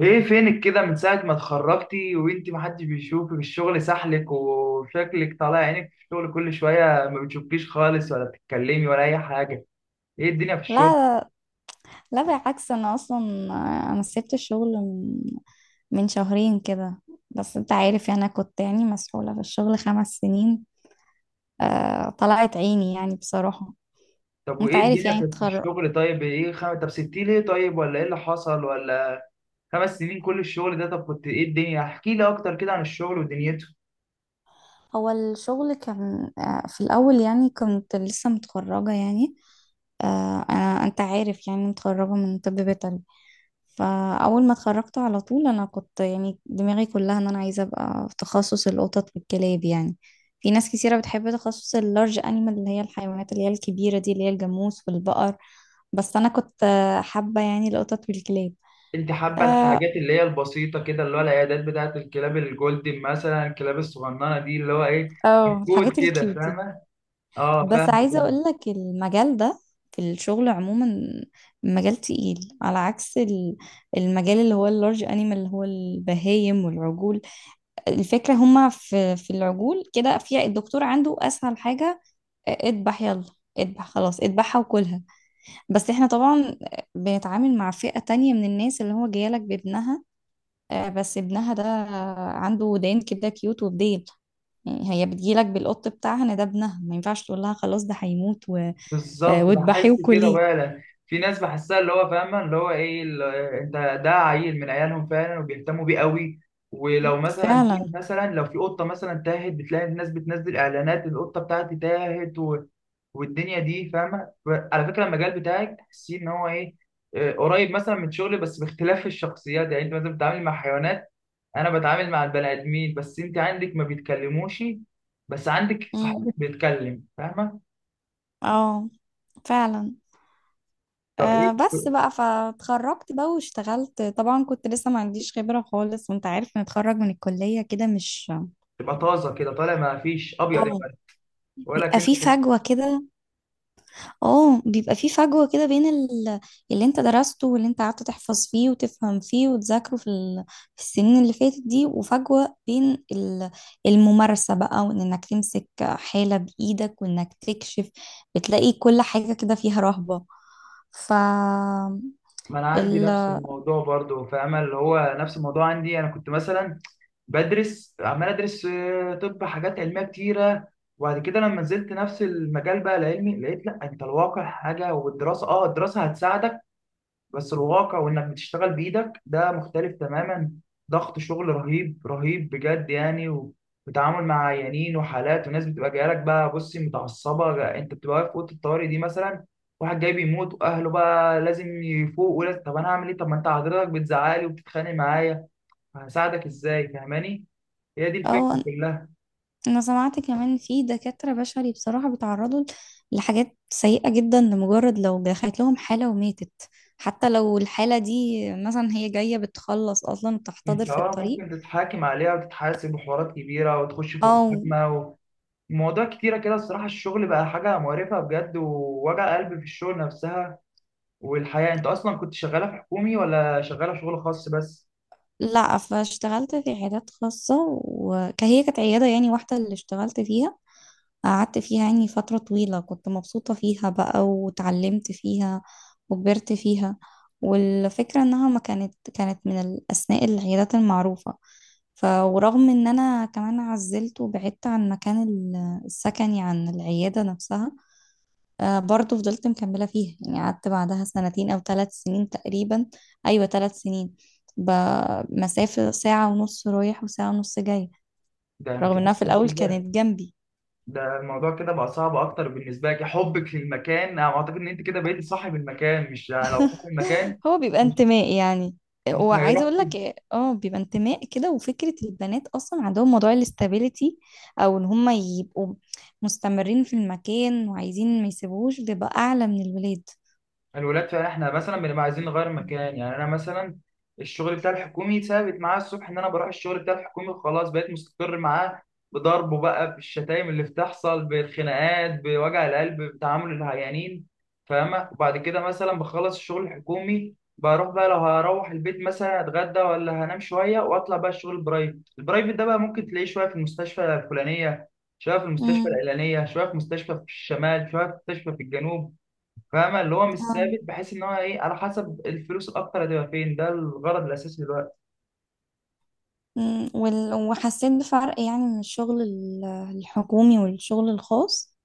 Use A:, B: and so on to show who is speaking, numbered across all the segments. A: ايه فينك كده من ساعة ما اتخرجتي وانتي محدش بيشوفك؟ الشغل سحلك وشكلك طالع عينك في الشغل، كل شوية ما بتشوفكيش خالص ولا بتتكلمي ولا أي حاجة. ايه الدنيا في الشغل؟
B: لا لا بالعكس، انا اصلا. آه، انا سبت الشغل من شهرين كده. بس انت عارف، يعني انا كنت يعني مسحولة في الشغل 5 سنين. آه، طلعت عيني يعني بصراحة.
A: طب
B: انت
A: وايه
B: عارف،
A: الدنيا
B: يعني
A: في
B: اتخرج.
A: الشغل؟ طيب ايه طب سبتيه ليه؟ طيب ولا ايه اللي حصل ولا؟ خمس سنين كل الشغل ده، طب كنت ايه الدنيا، احكي لي أكتر كده عن الشغل ودنيته.
B: هو الشغل كان آه في الاول، يعني كنت لسه متخرجة يعني. آه، انا انت عارف، يعني متخرجة من طب بيطري. فأول ما اتخرجت على طول أنا كنت يعني دماغي كلها إن أنا عايزة أبقى في تخصص القطط والكلاب يعني. في ناس كثيرة بتحب تخصص اللارج أنيمال، اللي هي الحيوانات اللي هي الكبيرة دي، اللي هي الجاموس والبقر. بس أنا كنت حابة يعني القطط والكلاب.
A: انت حابة
B: اه،
A: الحاجات اللي هي البسيطة كده، اللي هو العيادات بتاعة الكلاب الجولدن مثلا، الكلاب الصغننة دي اللي هو ايه،
B: آه،
A: كود
B: الحاجات
A: كده،
B: الكيوت دي.
A: فاهمة؟ اه
B: بس
A: فاهمك.
B: عايزة أقولك المجال ده في الشغل عموما مجال تقيل، على عكس المجال اللي هو اللارج أنيمال، اللي هو البهايم والعجول. الفكرة هما في العجول كده، في الدكتور عنده أسهل حاجة. آه، اذبح يلا، اذبح خلاص، اذبحها وكلها. بس احنا طبعا بنتعامل مع فئة تانية من الناس، اللي هو جايلك بابنها. آه، بس ابنها ده عنده ودان كده كيوت وبديل. يعني هي بتجيلك بالقط بتاعها، ان ده ابنها، ما ينفعش تقول لها خلاص ده هيموت آه،
A: بالظبط،
B: واذبحيه
A: بحس كده
B: وكليه.
A: فعلا. في ناس بحسها اللي هو فاهمه اللي هو ايه ال- انت، ده عيل من عيالهم فعلا، وبيهتموا بيه قوي. ولو مثلا
B: فعلا.
A: مثلا لو في قطه مثلا تاهت، بتلاقي الناس بتنزل اعلانات القطه بتاعتي تاهت و... والدنيا دي، فاهمه؟ على فكره المجال بتاعك تحسيه ان هو ايه، آه، قريب مثلا من شغلي، بس باختلاف الشخصيات. يعني انت مثلا بتتعامل مع حيوانات، انا بتعامل مع البني ادمين، بس انت عندك ما بيتكلموش، بس عندك
B: مم.
A: صاحبك بيتكلم، فاهمه؟
B: اه، فعلا.
A: طب ايه،
B: آه، بس بقى فاتخرجت بقى واشتغلت، طبعا كنت لسه ما عنديش خبرة خالص، وانت عارف نتخرج من الكلية كده مش.
A: تبقى طازه كده طالع، ما فيش ابيض
B: اه،
A: يعني.
B: بيبقى
A: ولكن
B: في فجوة كده. اه، بيبقى في فجوة كده بين اللي انت درسته واللي انت قعدت تحفظ فيه وتفهم فيه وتذاكره في السنين اللي فاتت دي، وفجوة بين الممارسة بقى، وانك تمسك حالة بإيدك، وانك تكشف. بتلاقي كل حاجة كده فيها رهبة. ف
A: ما انا عندي
B: ال...
A: نفس الموضوع برضو، فاهمه؟ اللي هو نفس الموضوع عندي، انا كنت مثلا بدرس عمال ادرس، آه، طب حاجات علميه كتيره. وبعد كده لما نزلت نفس المجال بقى العلمي، لقيت لا انت الواقع حاجه والدراسه، اه الدراسه هتساعدك بس الواقع وانك بتشتغل بايدك ده مختلف تماما. ضغط شغل رهيب رهيب بجد يعني، وتعامل مع عيانين وحالات وناس بتبقى جايه لك بقى، بصي متعصبه، انت بتبقى واقف في اوضه الطوارئ دي مثلا، واحد جاي بيموت واهله بقى لازم يفوق ولازم، طب انا هعمل ايه؟ طب ما انت حضرتك بتزعلي وبتتخانق معايا، هساعدك ازاي؟ فاهماني؟ هي دي الفكره
B: آه،
A: كلها.
B: انا سمعت كمان في دكاترة بشري بصراحة بيتعرضوا لحاجات سيئة جدا لمجرد لو دخلت لهم حالة وماتت، حتى لو الحالة دي مثلا هي جاية بتخلص اصلا وبتحتضر
A: انت
B: في
A: اه
B: الطريق.
A: ممكن تتحاكم عليها وتتحاسب وحوارات كبيره، وتخش في
B: او
A: محاكمه، مواضيع كتيرة كده، الصراحة الشغل بقى حاجة مقرفة بجد، ووجع قلب في الشغل نفسها. والحياة، انت اصلا كنت شغالة في حكومي ولا شغالة شغل خاص بس؟
B: لا، فاشتغلت في عيادات خاصة. وهي كانت عيادة يعني واحدة اللي اشتغلت فيها. قعدت فيها يعني فترة طويلة، كنت مبسوطة فيها بقى، وتعلمت فيها، وكبرت فيها. والفكرة انها ما كانت كانت من الاسماء العيادات المعروفة. ف ورغم ان انا كمان عزلت وبعدت عن مكان السكني عن العيادة نفسها. آه، برضو فضلت مكملة فيها، يعني قعدت بعدها سنتين او 3 سنين تقريبا. ايوه 3 سنين. بمسافة ساعة ونص رايح وساعة ونص جاي.
A: ده انت
B: رغم انها في
A: اصلا
B: الاول
A: كده،
B: كانت جنبي.
A: ده الموضوع كده بقى صعب اكتر بالنسبة لك، حبك للمكان. انا اعتقد ان انت كده بقيتي صاحب المكان، مش يعني لو صاحب المكان
B: هو بيبقى
A: مش
B: انتماء يعني.
A: مش
B: وعايزه
A: هيروح
B: اقول
A: كده.
B: لك، اه بيبقى انتماء كده. وفكره البنات اصلا عندهم موضوع الاستابيليتي، او ان هم يبقوا مستمرين في المكان وعايزين ما يسيبوهوش، بيبقى اعلى من الولاد.
A: الولاد فعلا، احنا مثلا بنبقى عايزين نغير مكان، يعني انا مثلا الشغل بتاع الحكومي ثابت معاه الصبح، ان انا بروح الشغل بتاع الحكومي وخلاص، بقيت مستقر معاه، بضربه بقى بالشتايم اللي بتحصل، بالخناقات، بوجع القلب، بتعامل العيانين، فاهمة؟ وبعد كده مثلا بخلص الشغل الحكومي، بروح بقى لو هروح البيت مثلا اتغدى ولا هنام شوية، واطلع بقى الشغل البرايفت. البرايفت ده بقى ممكن تلاقيه شوية في المستشفى الفلانية، شوية في المستشفى
B: امم.
A: العلانية، شوية في مستشفى في الشمال، شوية في مستشفى في الجنوب، فاهمة؟ اللي هو مش
B: آه.
A: ثابت، بحيث ان هو ايه، على حسب الفلوس الاكتر هتبقى فين، ده الغرض الاساسي دلوقتي.
B: أمم. وحسيت بفرق يعني من الشغل الحكومي والشغل الخاص.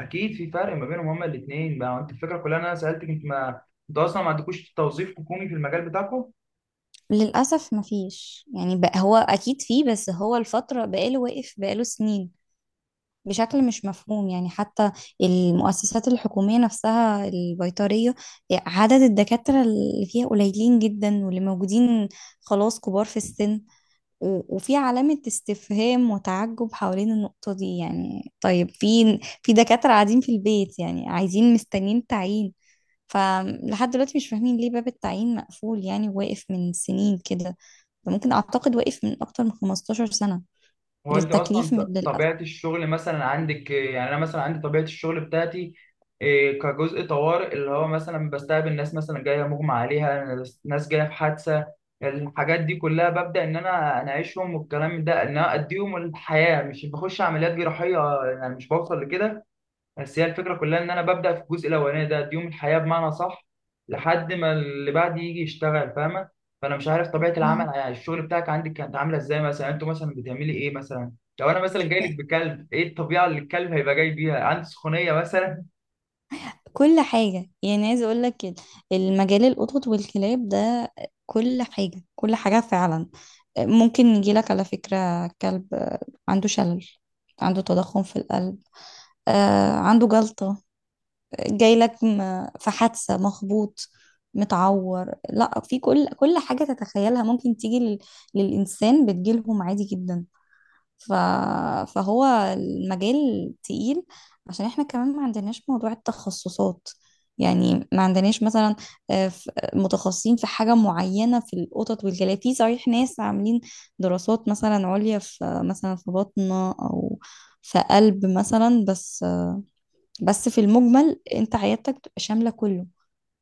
A: اكيد في فرق ما بينهم هما الاثنين بقى. انت الفكره كلها إن انا سالتك، انت ما انتوا اصلا ما عندكوش توظيف حكومي في المجال بتاعكم؟
B: للأسف مفيش يعني بقى. هو أكيد فيه، بس هو الفترة بقاله واقف، بقاله سنين بشكل مش مفهوم يعني. حتى المؤسسات الحكومية نفسها البيطرية، عدد الدكاترة اللي فيها قليلين جدا، واللي موجودين خلاص كبار في السن. وفي علامة استفهام وتعجب حوالين النقطة دي يعني. طيب في دكاترة قاعدين في البيت يعني، عايزين مستنيين تعيين، فلحد دلوقتي مش فاهمين ليه باب التعيين مقفول يعني، واقف من سنين كده. ده ممكن أعتقد واقف من أكتر من 15 سنة.
A: هو انت
B: التكليف
A: اصلا،
B: من
A: طبيعه الشغل مثلا عندك، آه، يعني انا مثلا عندي طبيعه الشغل بتاعتي إيه، كجزء طوارئ، اللي هو مثلا بستقبل ناس مثلا جايه مغمى عليها، ناس جايه في حادثه. الحاجات دي كلها ببدا ان انا اناعشهم، والكلام ده ان انا اديهم الحياه، مش بخش عمليات جراحيه، يعني مش بوصل لكده. بس هي الفكرة كلها إن أنا ببدأ في الجزء الأولاني ده، ديوم الحياة بمعنى صح، لحد ما اللي بعد يجي يشتغل، فاهمة؟ فأنا مش عارف طبيعة العمل، يعني الشغل بتاعك عندك كانت عاملة إزاي مثلا؟ أنتوا مثلا بتعملي إيه مثلا؟ لو أنا مثلا جاي
B: للأسف
A: لك بكلب، إيه الطبيعة اللي الكلب هيبقى جاي بيها؟ عندي سخونية مثلا.
B: كل حاجة يعني. عايزة اقول لك المجال القطط والكلاب ده، كل حاجة كل حاجة فعلا ممكن يجيلك على فكرة. كلب عنده شلل، عنده تضخم في القلب، آه، عنده جلطة، جايلك في حادثة، مخبوط، متعور، لا في كل حاجة تتخيلها ممكن تيجي للإنسان بتجيلهم عادي جدا. ف... فهو المجال تقيل، عشان احنا كمان ما عندناش موضوع التخصصات، يعني ما عندناش مثلا آه، متخصصين في حاجة معينة في القطط والكلاب. في صحيح ناس عاملين دراسات مثلا عليا في، مثلا في بطنة، أو في قلب مثلا، بس. بس في المجمل انت عيادتك بتبقى شاملة كله.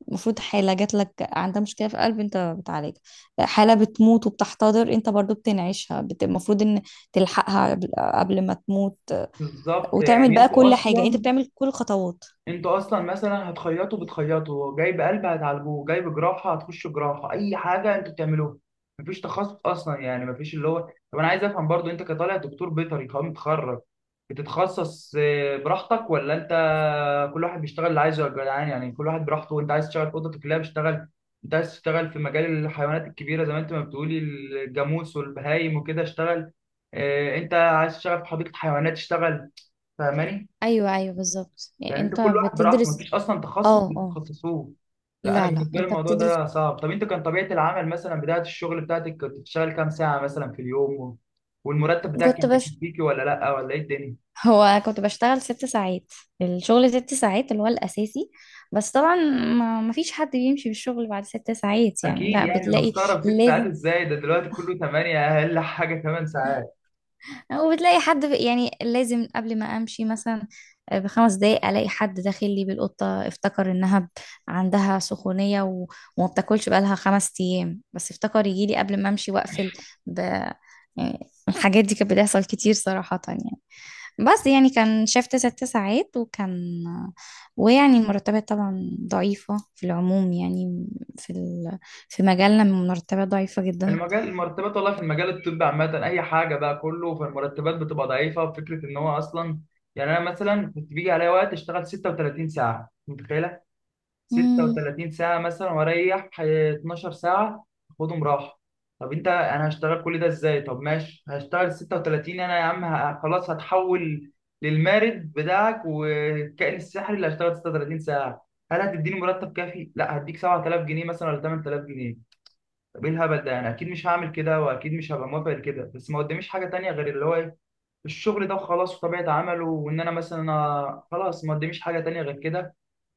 B: المفروض حالة جات لك عندها مشكلة في قلب انت بتعالجها. حالة بتموت وبتحتضر انت برضو بتنعيشها، المفروض ان تلحقها قبل ما تموت،
A: بالظبط،
B: وتعمل
A: يعني
B: بقى
A: أنتوا
B: كل حاجة، انت
A: أصلا،
B: بتعمل كل الخطوات.
A: انتوا اصلا مثلا هتخيطوا بتخيطوا، جايب قلب هتعالجوه، جايب جراحه هتخش جراحه، اي حاجه انتوا بتعملوها. مفيش تخصص اصلا، يعني مفيش اللي هو. طب انا عايز افهم برضو، انت كطالع دكتور بيطري قام متخرج، بتتخصص آه، براحتك ولا انت كل واحد بيشتغل اللي عايزه؟ يا جدعان، يعني كل واحد براحته، انت عايز تشتغل في اوضه الكلاب اشتغل، انت عايز تشتغل في مجال الحيوانات الكبيره زي ما انت ما بتقولي الجاموس والبهايم وكده اشتغل، آه، انت عايز تشتغل في حديقه حيوانات اشتغل، فاهماني؟
B: ايوه ايوه، بالظبط يعني
A: يعني انت
B: انت
A: كل واحد براحته،
B: بتدرس.
A: مفيش اصلا تخصص
B: اه، اه،
A: بتتخصصوه. لا انا
B: لا لا،
A: بالنسبه لي
B: انت
A: الموضوع
B: بتدرس.
A: ده صعب. طب انت كان طبيعه العمل مثلا بدايه الشغل بتاعتك، كنت بتشتغل كام ساعه مثلا في اليوم، والمرتب بتاعك كان
B: كنت بش
A: بيكفيكي ولا لا ولا ايه الدنيا؟
B: هو كنت بشتغل 6 ساعات. الشغل 6 ساعات اللي هو الاساسي. بس طبعا ما فيش حد بيمشي بالشغل بعد 6 ساعات يعني.
A: اكيد
B: لا
A: يعني، انا
B: بتلاقي
A: مستغرب ست ساعات
B: لازم،
A: ازاي، ده دلوقتي كله 8، اقل حاجه 8 ساعات.
B: وبتلاقي حد يعني لازم قبل ما امشي مثلا آه، ب5 دقايق الاقي حد داخل لي بالقطه، افتكر انها عندها سخونيه و... وما بتاكلش بقالها 5 ايام، بس افتكر يجي لي قبل ما امشي واقفل. ب... يعني الحاجات دي كانت بتحصل كتير صراحه يعني. بس يعني كان شفت 6 ساعات وكان. ويعني المرتبات طبعا ضعيفه في العموم يعني. في ال... في مجالنا المرتبات ضعيفه جدا.
A: المجال المرتبات، والله في المجال الطبي عامه اي حاجه بقى، كله فالمرتبات بتبقى ضعيفه. فكره ان هو اصلا، يعني انا مثلا كنت بيجي عليا وقت اشتغل 36 ساعه، متخيله؟
B: امم.
A: 36 ساعة مثلا، وأريح 12 ساعة، أخدهم راحة. طب أنت أنا هشتغل كل ده إزاي؟ طب ماشي هشتغل 36، أنا يا عم خلاص هتحول للمارد بتاعك والكائن السحري اللي هشتغل 36 ساعة. هل هتديني مرتب كافي؟ لا هديك 7000 جنيه مثلا ولا 8000 جنيه؟ طب إيه الهبل ده؟ أنا أكيد مش هعمل كده، وأكيد مش هبقى موافق لكده، بس ما قداميش حاجة تانية غير اللي هو إيه، الشغل ده وخلاص، وطبيعة عمله، وإن أنا مثلا آه، خلاص ما قداميش حاجة تانية غير كده.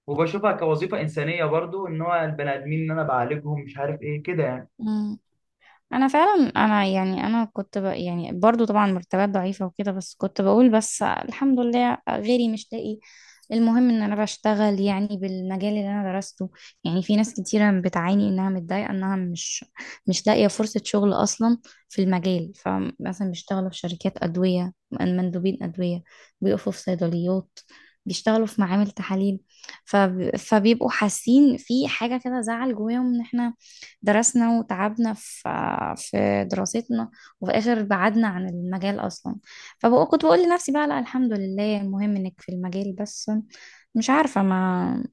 A: وبشوفها كوظيفة إنسانية برضو، إن هو البني آدمين إن أنا بعالجهم، مش عارف إيه كده يعني.
B: انا فعلا، انا يعني انا كنت يعني برضو طبعا مرتبات ضعيفة وكده، بس كنت بقول بس الحمد لله، غيري مش لاقي. المهم ان انا بشتغل يعني بالمجال اللي انا درسته. يعني في ناس كتيرة بتعاني انها متضايقة، انها مش لاقية فرصة شغل اصلا في المجال. فمثلا بيشتغلوا في شركات ادوية، مندوبين ادوية، بيقفوا في صيدليات، بيشتغلوا في معامل تحاليل. فبيبقوا حاسين في حاجة كده، زعل جواهم ان احنا درسنا وتعبنا في في دراستنا، وفي الآخر بعدنا عن المجال أصلا. فكنت بقول لنفسي بقى لا الحمد لله المهم إنك في المجال. بس مش عارفة، ما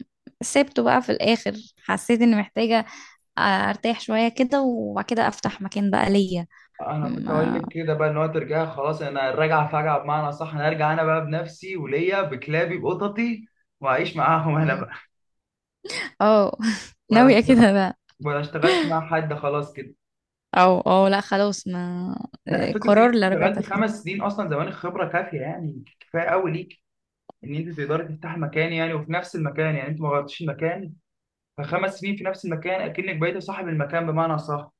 B: سبته بقى في الآخر. حسيت إني محتاجة آه، ارتاح شوية كده، وبعد كده افتح مكان بقى ليا.
A: أنا كنت أقول
B: ما
A: لك كده بقى، إن هو ترجع خلاص، أنا الرجعة فجعة بمعنى صح، أنا أرجع أنا بقى بنفسي، وليا بكلابي بقططي، وأعيش معاهم أنا بقى،
B: اه ناوية
A: ولا
B: كده بقى.
A: ولا أشتغلش مع حد خلاص كده.
B: او اه، لا خلاص، ما
A: لا
B: آه،
A: فكرة إن
B: قرار
A: أنت
B: اللي رجعت
A: اشتغلتي
B: فيه.
A: خمس سنين أصلا زمان، الخبرة كافية يعني، كفاية أوي ليك إن أنت تقدري تفتحي مكان، يعني وفي نفس المكان، يعني أنت ما غيرتيش المكان. فخمس سنين في نفس المكان أكنك بقيتي صاحب المكان بمعنى صح.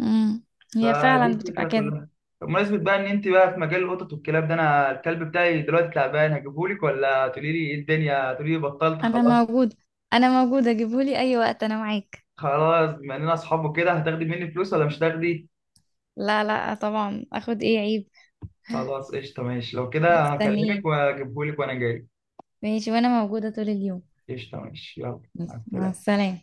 B: امم. هي
A: فدي
B: فعلا بتبقى
A: الفكره
B: كده.
A: كلها. بمناسبه بقى ان انت بقى في مجال القطط والكلاب ده، انا الكلب بتاعي دلوقتي تعبان، هجيبهولك ولا تقولي لي ايه الدنيا، تقولي لي بطلت
B: انا
A: خلاص؟
B: موجودة، انا موجودة، جيبولي اي وقت، انا معاك.
A: خلاص بما اننا اصحاب وكده، هتاخدي مني فلوس ولا مش هتاخدي؟
B: لا لا، طبعا اخد ايه، عيب.
A: خلاص قشطه، ماشي، لو كده هكلمك
B: مستنياك.
A: واجيبهولك وانا جاي.
B: ماشي، وانا موجودة طول اليوم.
A: قشطه ماشي، يلا. مع
B: مع
A: السلامه.
B: السلامة.